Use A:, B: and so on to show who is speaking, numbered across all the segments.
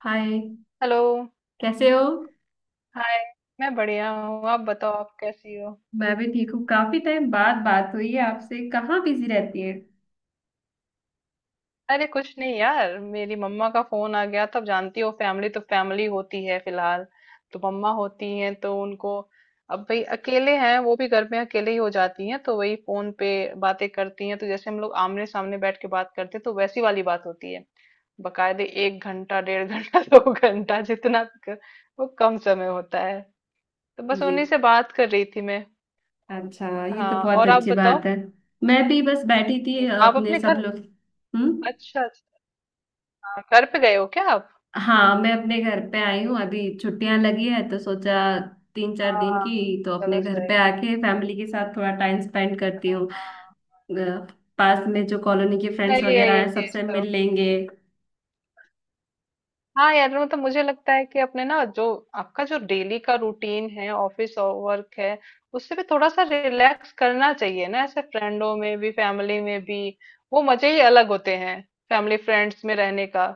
A: हाय।
B: Hello.
A: कैसे हो।
B: Hi. मैं बढ़िया हूँ, आप बताओ, आप कैसी हो?
A: मैं भी ठीक हूँ। काफी टाइम बाद बात हुई है आपसे। कहाँ बिजी रहती है।
B: अरे कुछ नहीं यार, मेरी मम्मा का फोन आ गया, तब जानती हो, फैमिली तो फैमिली होती है। फिलहाल तो मम्मा होती हैं तो उनको, अब भाई अकेले हैं, वो भी घर में अकेले ही हो जाती हैं, तो वही फोन पे बातें करती हैं। तो जैसे हम लोग आमने सामने बैठ के बात करते हैं, तो वैसी वाली बात होती है। बकायदे एक घंटा, डेढ़ घंटा, दो घंटा, जितना वो कम समय होता है। तो बस
A: ये।
B: उन्हीं से बात कर रही थी मैं।
A: अच्छा, ये तो
B: हाँ,
A: बहुत
B: और आप
A: अच्छी बात
B: बताओ?
A: है। मैं भी बस बैठी थी,
B: ये आप
A: अपने
B: अपने
A: सब
B: घर।
A: लोग। हम्म।
B: अच्छा अच्छा। हाँ, घर पे गए हो क्या आप?
A: हाँ, मैं अपने घर पे आई हूँ। अभी छुट्टियां लगी है तो सोचा 3-4 दिन
B: हाँ।
A: की। तो अपने
B: चलो
A: घर
B: सही
A: पे
B: है।
A: आके फैमिली के साथ थोड़ा टाइम स्पेंड करती हूँ।
B: हाँ।
A: अ, पास में जो कॉलोनी के फ्रेंड्स
B: सही है
A: वगैरह
B: ये
A: हैं
B: चीज
A: सबसे
B: तो।
A: मिल लेंगे।
B: हाँ यार, मतलब मुझे लगता है कि अपने ना जो आपका जो डेली का रूटीन है, ऑफिस और वर्क है, उससे भी थोड़ा सा रिलैक्स करना चाहिए ना, ऐसे फ्रेंडों में भी, फैमिली में भी। वो मजे ही अलग होते हैं, फैमिली फ्रेंड्स में रहने का।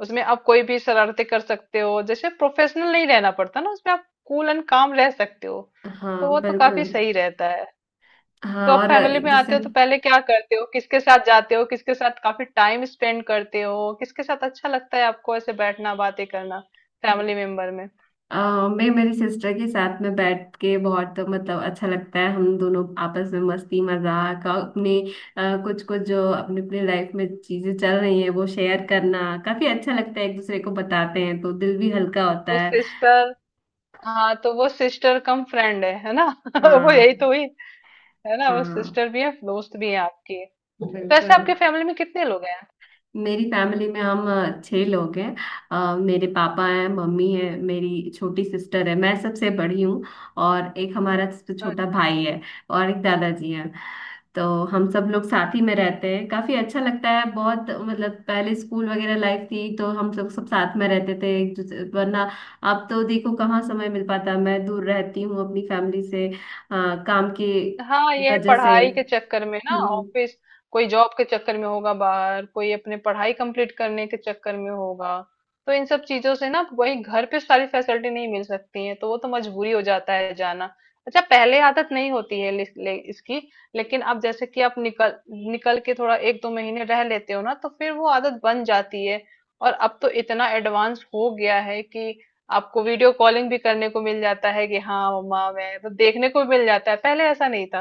B: उसमें आप कोई भी शरारते कर सकते हो, जैसे प्रोफेशनल नहीं रहना पड़ता ना उसमें, आप कूल एंड काम रह सकते हो।
A: हाँ,
B: तो वो तो काफी
A: बिल्कुल।
B: सही रहता है। तो
A: हाँ,
B: आप
A: और
B: फैमिली में आते
A: जैसे
B: हो तो पहले क्या करते हो, किसके साथ जाते हो, किसके साथ काफी टाइम स्पेंड करते हो, किसके साथ अच्छा लगता है आपको ऐसे बैठना, बातें करना, फैमिली मेंबर में?
A: मैं मेरी सिस्टर के साथ में बैठ के बहुत मतलब अच्छा लगता है। हम दोनों आपस में मस्ती मजाक और अपने कुछ कुछ जो अपने अपने लाइफ में चीजें चल रही हैं वो शेयर करना काफी अच्छा लगता है। एक दूसरे को बताते हैं तो दिल भी हल्का होता
B: वो
A: है।
B: सिस्टर। हाँ, तो वो सिस्टर कम फ्रेंड है ना? वो यही
A: हाँ।
B: तो हुई, है ना, वो
A: हाँ,
B: सिस्टर भी है, दोस्त भी है आपकी। तो ऐसे
A: बिल्कुल।
B: आपके फैमिली में कितने लोग
A: मेरी फैमिली में हम छह लोग हैं। मेरे पापा हैं, मम्मी है, मेरी छोटी सिस्टर है, मैं सबसे बड़ी हूँ। और एक हमारा सबसे
B: हैं?
A: छोटा भाई है। और एक दादाजी हैं। तो हम सब लोग साथ ही में रहते हैं, काफी अच्छा लगता है। बहुत, मतलब पहले स्कूल वगैरह लाइफ थी तो हम सब सब साथ में रहते थे एक दूसरे, वरना अब तो देखो कहाँ समय मिल पाता। मैं दूर रहती हूँ अपनी फैमिली से, काम की
B: हाँ, ये है
A: वजह से।
B: पढ़ाई के चक्कर में ना,
A: हम्म।
B: ऑफिस, कोई जॉब के चक्कर में होगा बाहर, कोई अपने पढ़ाई कंप्लीट करने के चक्कर में होगा। तो इन सब चीजों से ना, वही घर पे सारी फैसिलिटी नहीं मिल सकती है, तो वो तो मजबूरी हो जाता है जाना। अच्छा, पहले आदत नहीं होती है ले, ले, इसकी, लेकिन अब जैसे कि आप निकल निकल के थोड़ा एक दो महीने रह लेते हो ना, तो फिर वो आदत बन जाती है। और अब तो इतना एडवांस हो गया है कि आपको वीडियो कॉलिंग भी करने को मिल जाता है कि हाँ मम्मा मैं, तो देखने को मिल जाता है, पहले ऐसा नहीं था।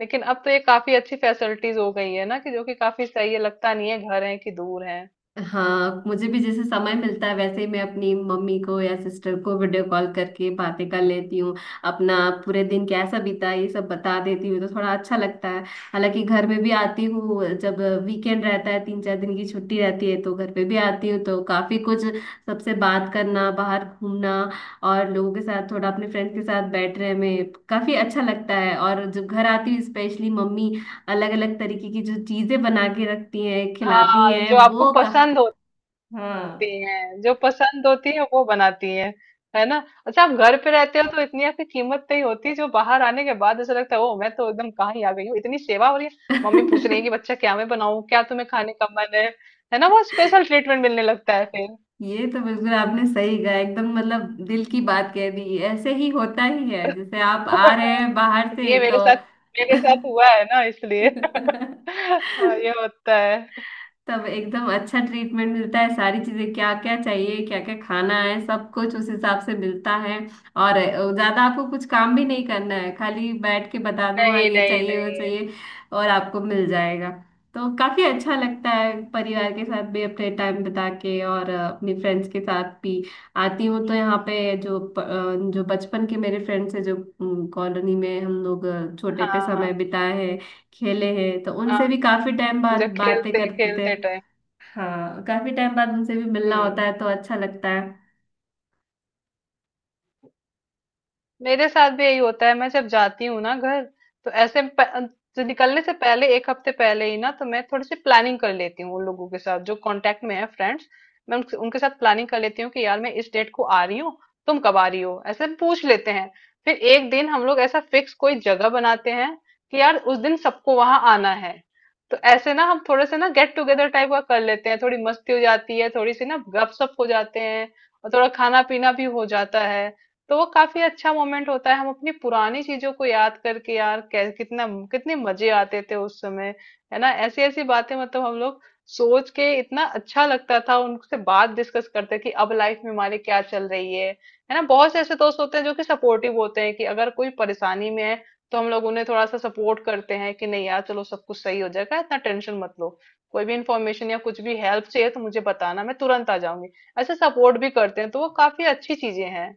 B: लेकिन अब तो ये काफी अच्छी फैसिलिटीज हो गई है ना, कि जो कि काफी सही है, लगता नहीं है घर है कि दूर है।
A: हाँ, मुझे भी जैसे समय मिलता है वैसे ही मैं अपनी मम्मी को या सिस्टर को वीडियो कॉल करके बातें कर लेती हूँ। अपना पूरे दिन कैसा बीता ये सब बता देती हूँ तो थोड़ा अच्छा लगता है। हालांकि घर में भी आती हूँ, जब वीकेंड रहता है 3-4 दिन की छुट्टी रहती है तो घर पे भी आती हूँ, तो काफी कुछ। सबसे बात करना, बाहर घूमना और लोगों के साथ, थोड़ा अपने फ्रेंड्स के साथ बैठने में काफी अच्छा लगता है। और जब घर आती हूँ, स्पेशली मम्मी अलग अलग तरीके की जो चीजें बना के रखती हैं, खिलाती
B: हाँ
A: हैं
B: जो आपको
A: वो।
B: पसंद होती
A: हाँ।
B: है, जो पसंद होती है वो बनाती है ना? अच्छा, आप घर पे रहते हो तो इतनी आपकी कीमत नहीं होती, जो बाहर आने के बाद ऐसा लगता है, ओ, मैं तो एकदम कहाँ ही आ गई हूँ, इतनी सेवा हो रही है, मम्मी पूछ रही है कि बच्चा, क्या मैं बनाऊं, क्या तुम्हें खाने का मन है ना? वो स्पेशल ट्रीटमेंट मिलने लगता है फिर।
A: ये तो बिल्कुल आपने सही कहा, एकदम मतलब दिल की बात कह दी। ऐसे ही होता ही है, जैसे आप आ रहे हैं बाहर से
B: ये
A: तो।
B: मेरे साथ हुआ है ना, इसलिए हाँ, ये होता है।
A: तब एकदम अच्छा ट्रीटमेंट मिलता है, सारी चीजें क्या क्या चाहिए, क्या क्या खाना है, सब कुछ उस हिसाब से मिलता है। और ज्यादा आपको कुछ काम भी नहीं करना है, खाली बैठ के बता दो हाँ
B: नहीं
A: ये
B: नहीं
A: चाहिए वो
B: नहीं।
A: चाहिए, और आपको मिल जाएगा। तो काफी अच्छा लगता है परिवार के साथ भी अपने टाइम बिता के, और अपनी फ्रेंड्स के साथ भी आती हूँ तो यहाँ पे जो बचपन के मेरे फ्रेंड्स हैं, जो कॉलोनी में हम लोग छोटे पे
B: हाँ हाँ
A: समय बिताए हैं, खेले हैं, तो
B: हाँ।
A: उनसे भी काफी टाइम बाद
B: जब
A: बातें
B: खेलते
A: करते थे।
B: खेलते टाइम।
A: हाँ, काफी टाइम बाद उनसे भी मिलना होता
B: हम्म।
A: है तो अच्छा लगता है।
B: मेरे साथ भी यही होता है, मैं जब जाती हूँ ना घर, तो ऐसे जो निकलने से पहले, एक हफ्ते पहले ही ना तो मैं थोड़ी सी प्लानिंग कर लेती हूँ उन लोगों के साथ जो कांटेक्ट में है फ्रेंड्स। मैं उनके साथ प्लानिंग कर लेती हूँ कि यार, मैं इस डेट को आ रही हूँ, तुम कब आ रही हो, ऐसे पूछ लेते हैं। फिर एक दिन हम लोग ऐसा फिक्स कोई जगह बनाते हैं कि यार उस दिन सबको वहां आना है। तो ऐसे ना हम थोड़े से ना गेट टुगेदर टाइप का कर लेते हैं, थोड़ी मस्ती हो जाती है, थोड़ी सी ना गपशप हो जाते हैं, और थोड़ा खाना पीना भी हो जाता है। तो वो काफी अच्छा मोमेंट होता है, हम अपनी पुरानी चीजों को याद करके, यार कितना, कितने मजे आते थे उस समय। है ना, ऐसी ऐसी बातें, मतलब हम लोग सोच के इतना अच्छा लगता था, उनसे बात डिस्कस करते कि अब लाइफ में हमारी क्या चल रही है। है ना, बहुत से ऐसे दोस्त होते हैं जो कि सपोर्टिव होते हैं, कि अगर कोई परेशानी में है तो हम लोग उन्हें थोड़ा सा सपोर्ट करते हैं कि नहीं यार, चलो सब कुछ सही हो जाएगा, इतना टेंशन मत लो, कोई भी इंफॉर्मेशन या कुछ भी हेल्प चाहिए तो मुझे बताना, मैं तुरंत आ जाऊंगी। ऐसे सपोर्ट भी करते हैं, तो वो काफी अच्छी चीजें हैं।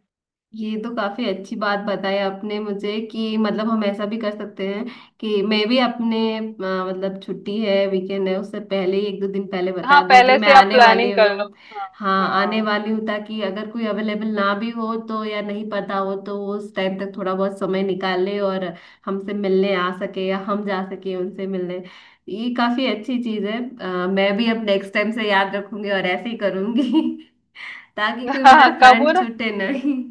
A: ये तो काफी अच्छी बात बताई आपने मुझे, कि मतलब हम ऐसा भी कर सकते हैं कि मैं भी अपने मतलब छुट्टी है, वीकेंड है, उससे पहले ही 1-2 दिन पहले बता
B: हाँ,
A: दूं कि
B: पहले
A: मैं
B: से आप
A: आने वाली
B: प्लानिंग कर लो।
A: हूँ।
B: हाँ।
A: हाँ, आने वाली हूँ, ताकि अगर कोई अवेलेबल ना भी हो तो, या नहीं पता हो तो, वो उस टाइम तक थोड़ा बहुत समय निकाले और हमसे मिलने आ सके या हम जा सके उनसे मिलने। ये काफी अच्छी चीज है, मैं भी अब नेक्स्ट टाइम से याद रखूंगी और ऐसे ही करूंगी। ताकि
B: हाँ
A: कोई
B: हाँ,
A: मेरा
B: कब वो
A: फ्रेंड
B: ना,
A: छूटे नहीं।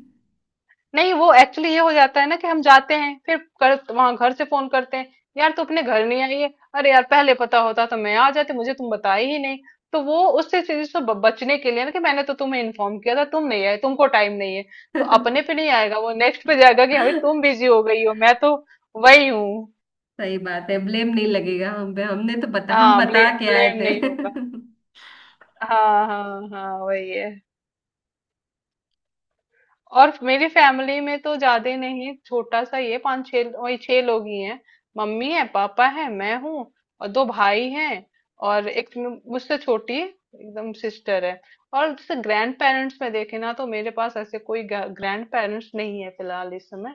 B: नहीं वो एक्चुअली ये हो जाता है ना कि हम जाते हैं, फिर कर वहां घर से फोन करते हैं, यार तू अपने घर नहीं आई है? अरे यार, पहले पता होता तो मैं आ जाती, मुझे तुम बताए ही नहीं। तो वो उससे चीज से बचने के लिए ना, कि मैंने तो तुम्हें इन्फॉर्म किया था, तुम नहीं आए, तुमको टाइम नहीं है, तो अपने पे नहीं आएगा, वो नेक्स्ट पे जाएगा कि अभी तुम बिजी हो गई हो, मैं तो वही हूँ।
A: सही बात है, ब्लेम नहीं लगेगा हम पे, हमने तो बता हम
B: हाँ, ब्ले,
A: बता के आए
B: ब्लेम
A: थे।
B: नहीं होगा। हाँ हाँ हाँ, वही है। और मेरी फैमिली में तो ज्यादा नहीं, छोटा सा ये, पांच छह, वही छह लोग ही हैं। मम्मी है, पापा है, मैं हूँ, और दो भाई हैं, और एक मुझसे छोटी एकदम सिस्टर है। और जैसे ग्रैंड पेरेंट्स में देखे ना, तो मेरे पास ऐसे कोई ग्रैंड पेरेंट्स नहीं है फिलहाल इस समय।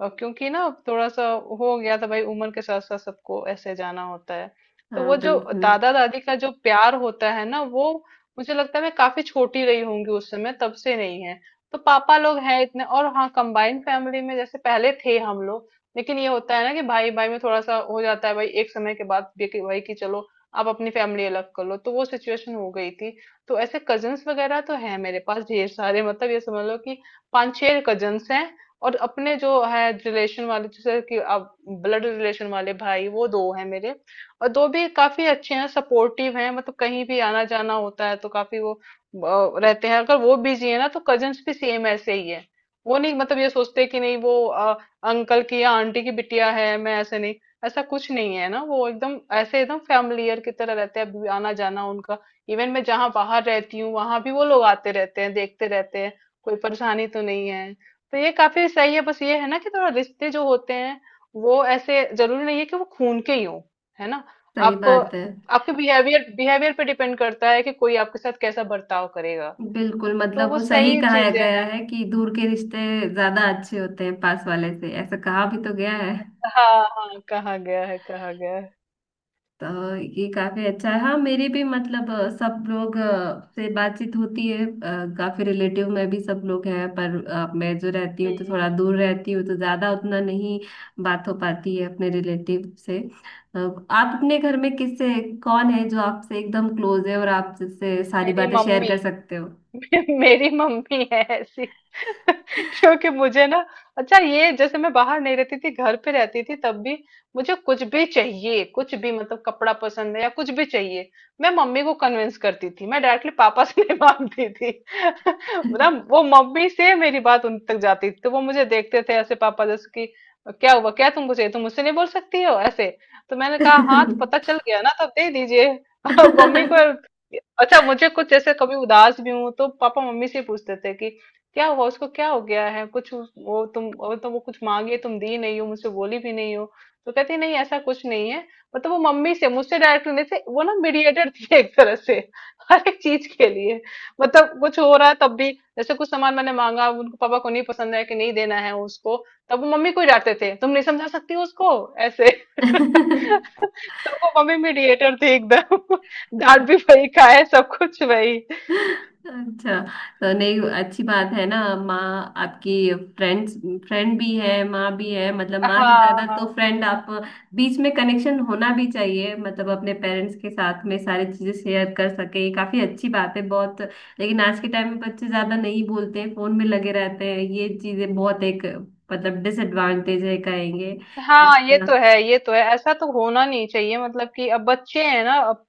B: और क्योंकि ना अब थोड़ा सा हो गया था भाई, उम्र के साथ साथ सबको ऐसे जाना होता है। तो
A: हाँ,
B: वो जो
A: बिल्कुल
B: दादा दादी का जो प्यार होता है ना, वो मुझे लगता है मैं काफी छोटी रही होंगी उस समय, तब से नहीं है। तो पापा लोग हैं इतने, और हाँ कंबाइन फैमिली में जैसे पहले थे हम लोग। लेकिन ये होता है ना कि भाई भाई में थोड़ा सा हो जाता है भाई, एक समय के बाद भी कि भाई कि चलो आप अपनी फैमिली अलग कर लो, तो वो सिचुएशन हो गई थी। तो ऐसे कजन्स वगैरह तो हैं मेरे पास ढेर सारे, मतलब ये समझ लो कि पांच छह कजन्स हैं। और अपने जो है रिलेशन वाले, जैसे कि आप ब्लड रिलेशन वाले भाई, वो दो हैं मेरे, और दो भी काफी अच्छे हैं, सपोर्टिव हैं, मतलब कहीं भी आना जाना होता है तो काफी वो रहते हैं। अगर वो बिजी है ना, तो कजन्स भी सेम ऐसे ही है। वो नहीं मतलब ये सोचते कि नहीं वो अंकल की या आंटी की बिटिया है, मैं ऐसे नहीं, ऐसा कुछ नहीं है ना, वो एकदम ऐसे एकदम फैमिलियर की तरह रहते हैं, अभी आना जाना उनका। इवन मैं जहाँ बाहर रहती हूँ वहां भी वो लोग आते रहते हैं, देखते रहते हैं कोई परेशानी तो नहीं है। तो ये काफी सही है, बस ये है ना कि थोड़ा रिश्ते जो होते हैं, वो ऐसे जरूरी नहीं है कि वो खून के ही हो, है ना?
A: सही
B: आप
A: बात है।
B: आपके बिहेवियर बिहेवियर पे डिपेंड करता है कि कोई आपके साथ कैसा बर्ताव करेगा।
A: बिल्कुल,
B: तो
A: मतलब
B: वो
A: वो सही
B: सही
A: कहा
B: चीजें
A: गया
B: हैं।
A: है कि दूर के रिश्ते ज्यादा अच्छे होते हैं पास वाले से, ऐसा कहा भी तो गया है।
B: हाँ हाँ, कहा गया है, कहा गया है।
A: तो ये काफी अच्छा है। हाँ, मेरी भी मतलब सब लोग से बातचीत होती है, काफी रिलेटिव में भी सब लोग हैं, पर मैं जो रहती हूँ तो
B: हम्म।
A: थोड़ा दूर रहती हूँ तो ज्यादा उतना नहीं बात हो पाती है अपने रिलेटिव से। आप अपने घर में किससे, कौन है जो आपसे एकदम क्लोज है और आप जिससे सारी
B: मेरी
A: बातें शेयर
B: मम्मी।
A: कर सकते हो।
B: मेरी मम्मी है ऐसी। क्योंकि मुझे ना, अच्छा ये, जैसे मैं बाहर नहीं रहती थी, घर पे रहती थी तब भी, मुझे कुछ भी चाहिए, कुछ भी मतलब कपड़ा पसंद है या कुछ भी चाहिए, मैं मम्मी को कन्विंस करती थी, मैं डायरेक्टली पापा से नहीं मांगती थी। मतलब वो मम्मी से मेरी बात उन तक जाती थी, तो वो मुझे देखते थे ऐसे पापा, जैसे कि क्या हुआ, क्या तुमको चाहिए, तुम मुझसे नहीं बोल सकती हो ऐसे? तो मैंने कहा हाँ, तो पता चल गया ना, तब दे दीजिए। अब मम्मी को। अच्छा मुझे कुछ, जैसे कभी उदास भी हूं, तो पापा मम्मी से पूछते थे कि क्या हुआ उसको, क्या हो गया है कुछ वो, तुम वो तो, वो कुछ मांगे तुम दी नहीं हो, मुझसे बोली भी नहीं हो। तो कहती नहीं, ऐसा कुछ नहीं है। मतलब वो मम्मी से, मुझसे डायरेक्ट नहीं थे, वो ना मीडिएटर थी एक तरह से। हर एक चीज के लिए, मतलब कुछ हो रहा है तब भी, जैसे कुछ सामान मैंने मांगा, उनको पापा को नहीं पसंद है कि नहीं देना है उसको, तब वो मम्मी को ही डांटते थे, तुम नहीं समझा सकती उसको, ऐसे। तो वो मम्मी मीडिएटर थी एकदम, डांट भी वही खाए, सब कुछ वही।
A: अच्छा, तो नहीं, अच्छी बात है ना। माँ आपकी, फ्रेंड्स, फ्रेंड भी है, माँ भी है, मतलब माँ से
B: हाँ
A: ज्यादा तो
B: हाँ
A: फ्रेंड आप। बीच में कनेक्शन होना भी चाहिए, मतलब अपने पेरेंट्स के साथ में सारी चीजें शेयर कर सके, ये काफी अच्छी बात है बहुत। लेकिन आज के टाइम में बच्चे ज्यादा नहीं बोलते हैं, फोन में लगे रहते हैं, ये चीजें बहुत एक मतलब डिसएडवांटेज है, कहेंगे
B: हाँ, ये
A: इसका।
B: तो है, ये तो है, ऐसा तो होना नहीं चाहिए, मतलब कि अब बच्चे हैं ना अब।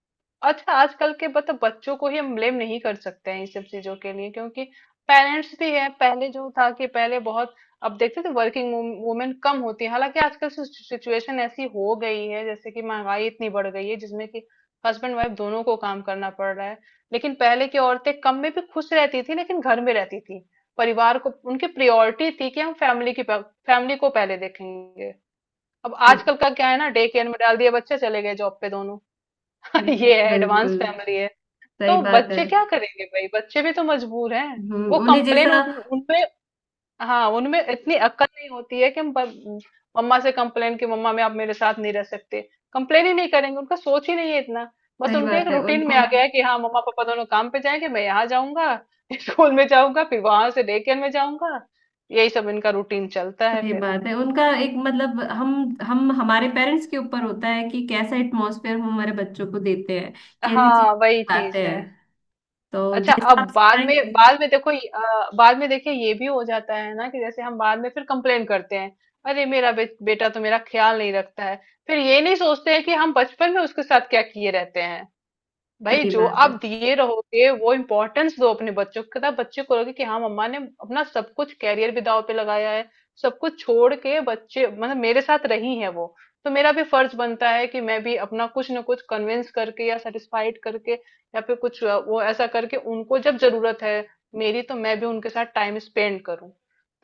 B: अच्छा, आजकल के मतलब बच्चों को ही हम ब्लेम नहीं कर सकते हैं इन सब चीजों के लिए, क्योंकि पेरेंट्स भी है। पहले जो था कि पहले बहुत, अब देखते थे वर्किंग वुमेन कम होती है, हालांकि आजकल सिचुएशन ऐसी हो गई है, जैसे कि महंगाई इतनी बढ़ गई है जिसमें कि हस्बैंड वाइफ दोनों को काम करना पड़ रहा है। लेकिन पहले की औरतें कम में भी खुश रहती थी, लेकिन घर में रहती थी, परिवार को उनकी प्रायोरिटी थी कि हम फैमिली की, फैमिली को पहले देखेंगे। अब
A: तो,
B: आजकल का क्या है ना, डे केयर में डाल दिया, बच्चे चले गए जॉब पे, दोनों। ये है, एडवांस
A: बिल्कुल
B: फैमिली है।
A: सही
B: तो
A: बात है।
B: बच्चे क्या करेंगे भाई, बच्चे भी तो मजबूर हैं, वो
A: उन्हें
B: कंप्लेन
A: जैसा।
B: उनपे, हाँ उनमें इतनी अक्ल नहीं होती है कि हम मम्मा से कंप्लेन कि मम्मा मैं, आप मेरे साथ नहीं रह सकते, कंप्लेन ही नहीं करेंगे, उनका सोच ही नहीं है इतना, बस
A: सही
B: उनके एक
A: बात है
B: रूटीन
A: उनको।
B: में आ गया है कि हाँ मम्मा पापा दोनों काम पे जाएंगे, मैं यहाँ जाऊंगा, स्कूल में जाऊंगा, फिर वहां से डे केयर में जाऊंगा, यही सब इनका रूटीन चलता है
A: सही
B: फिर।
A: बात है उनका, एक मतलब हम हमारे पेरेंट्स के ऊपर होता है कि कैसा एटमॉस्फेयर हम हमारे बच्चों को देते हैं, कैसी चीज
B: हाँ वही चीज
A: सिखाते
B: है।
A: हैं। तो
B: अच्छा, अब
A: जैसा आप
B: बाद में
A: सिखाएंगे,
B: बाद में देखो, ये- बाद में देखिए, ये भी हो जाता है ना कि जैसे हम बाद में फिर कंप्लेन करते हैं, अरे मेरा बेटा तो मेरा ख्याल नहीं रखता है। फिर ये नहीं सोचते हैं कि हम बचपन में उसके साथ क्या किए रहते हैं। भाई,
A: सही
B: जो
A: बात
B: आप
A: है,
B: दिए रहोगे, वो इम्पोर्टेंस दो अपने बच्चों को, तब बच्चे को लगे कि हाँ मम्मा ने अपना सब कुछ, कैरियर भी दांव पे लगाया है, सब कुछ छोड़ के बच्चे मतलब मेरे साथ रही हैं वो। तो मेरा भी फर्ज बनता है कि मैं भी अपना कुछ ना कुछ कन्विंस करके, या सेटिस्फाइड करके, या फिर कुछ वो ऐसा करके उनको, जब जरूरत है मेरी, तो मैं भी उनके साथ टाइम स्पेंड करूं।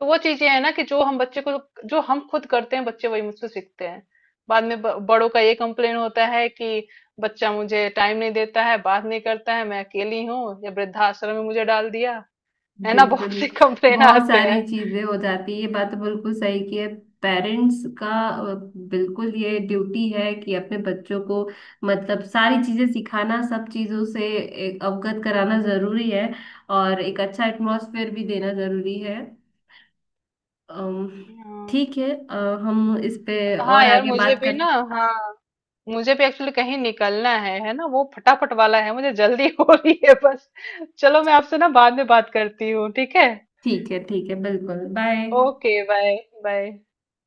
B: तो वो चीजें है ना कि जो हम बच्चे को, जो हम खुद करते हैं बच्चे वही मुझसे सीखते हैं। बाद में बड़ों का ये कंप्लेन होता है कि बच्चा मुझे टाइम नहीं देता है, बात नहीं करता है, मैं अकेली हूँ, या वृद्धाश्रम में मुझे डाल दिया, है ना? बहुत
A: बिल्कुल।
B: सी कंप्लेन
A: बहुत
B: आते
A: सारी
B: हैं।
A: चीजें हो जाती है, ये बात तो बिल्कुल सही की है। पेरेंट्स का, बिल्कुल ये ड्यूटी है कि अपने बच्चों को मतलब सारी चीजें सिखाना, सब चीजों से एक अवगत कराना जरूरी है। और एक अच्छा एटमॉस्फेयर भी देना जरूरी है। अम,
B: हाँ
A: ठीक है, हम इस पे
B: हाँ
A: और
B: यार,
A: आगे
B: मुझे
A: बात
B: भी ना,
A: करते।
B: हाँ मुझे भी एक्चुअली कहीं निकलना है ना वो फटाफट वाला है, मुझे जल्दी हो रही है बस। चलो, मैं आपसे ना बाद में बात करती हूँ, ठीक है?
A: ठीक है, ठीक है, बिल्कुल। बाय।
B: Okay bye. बाय।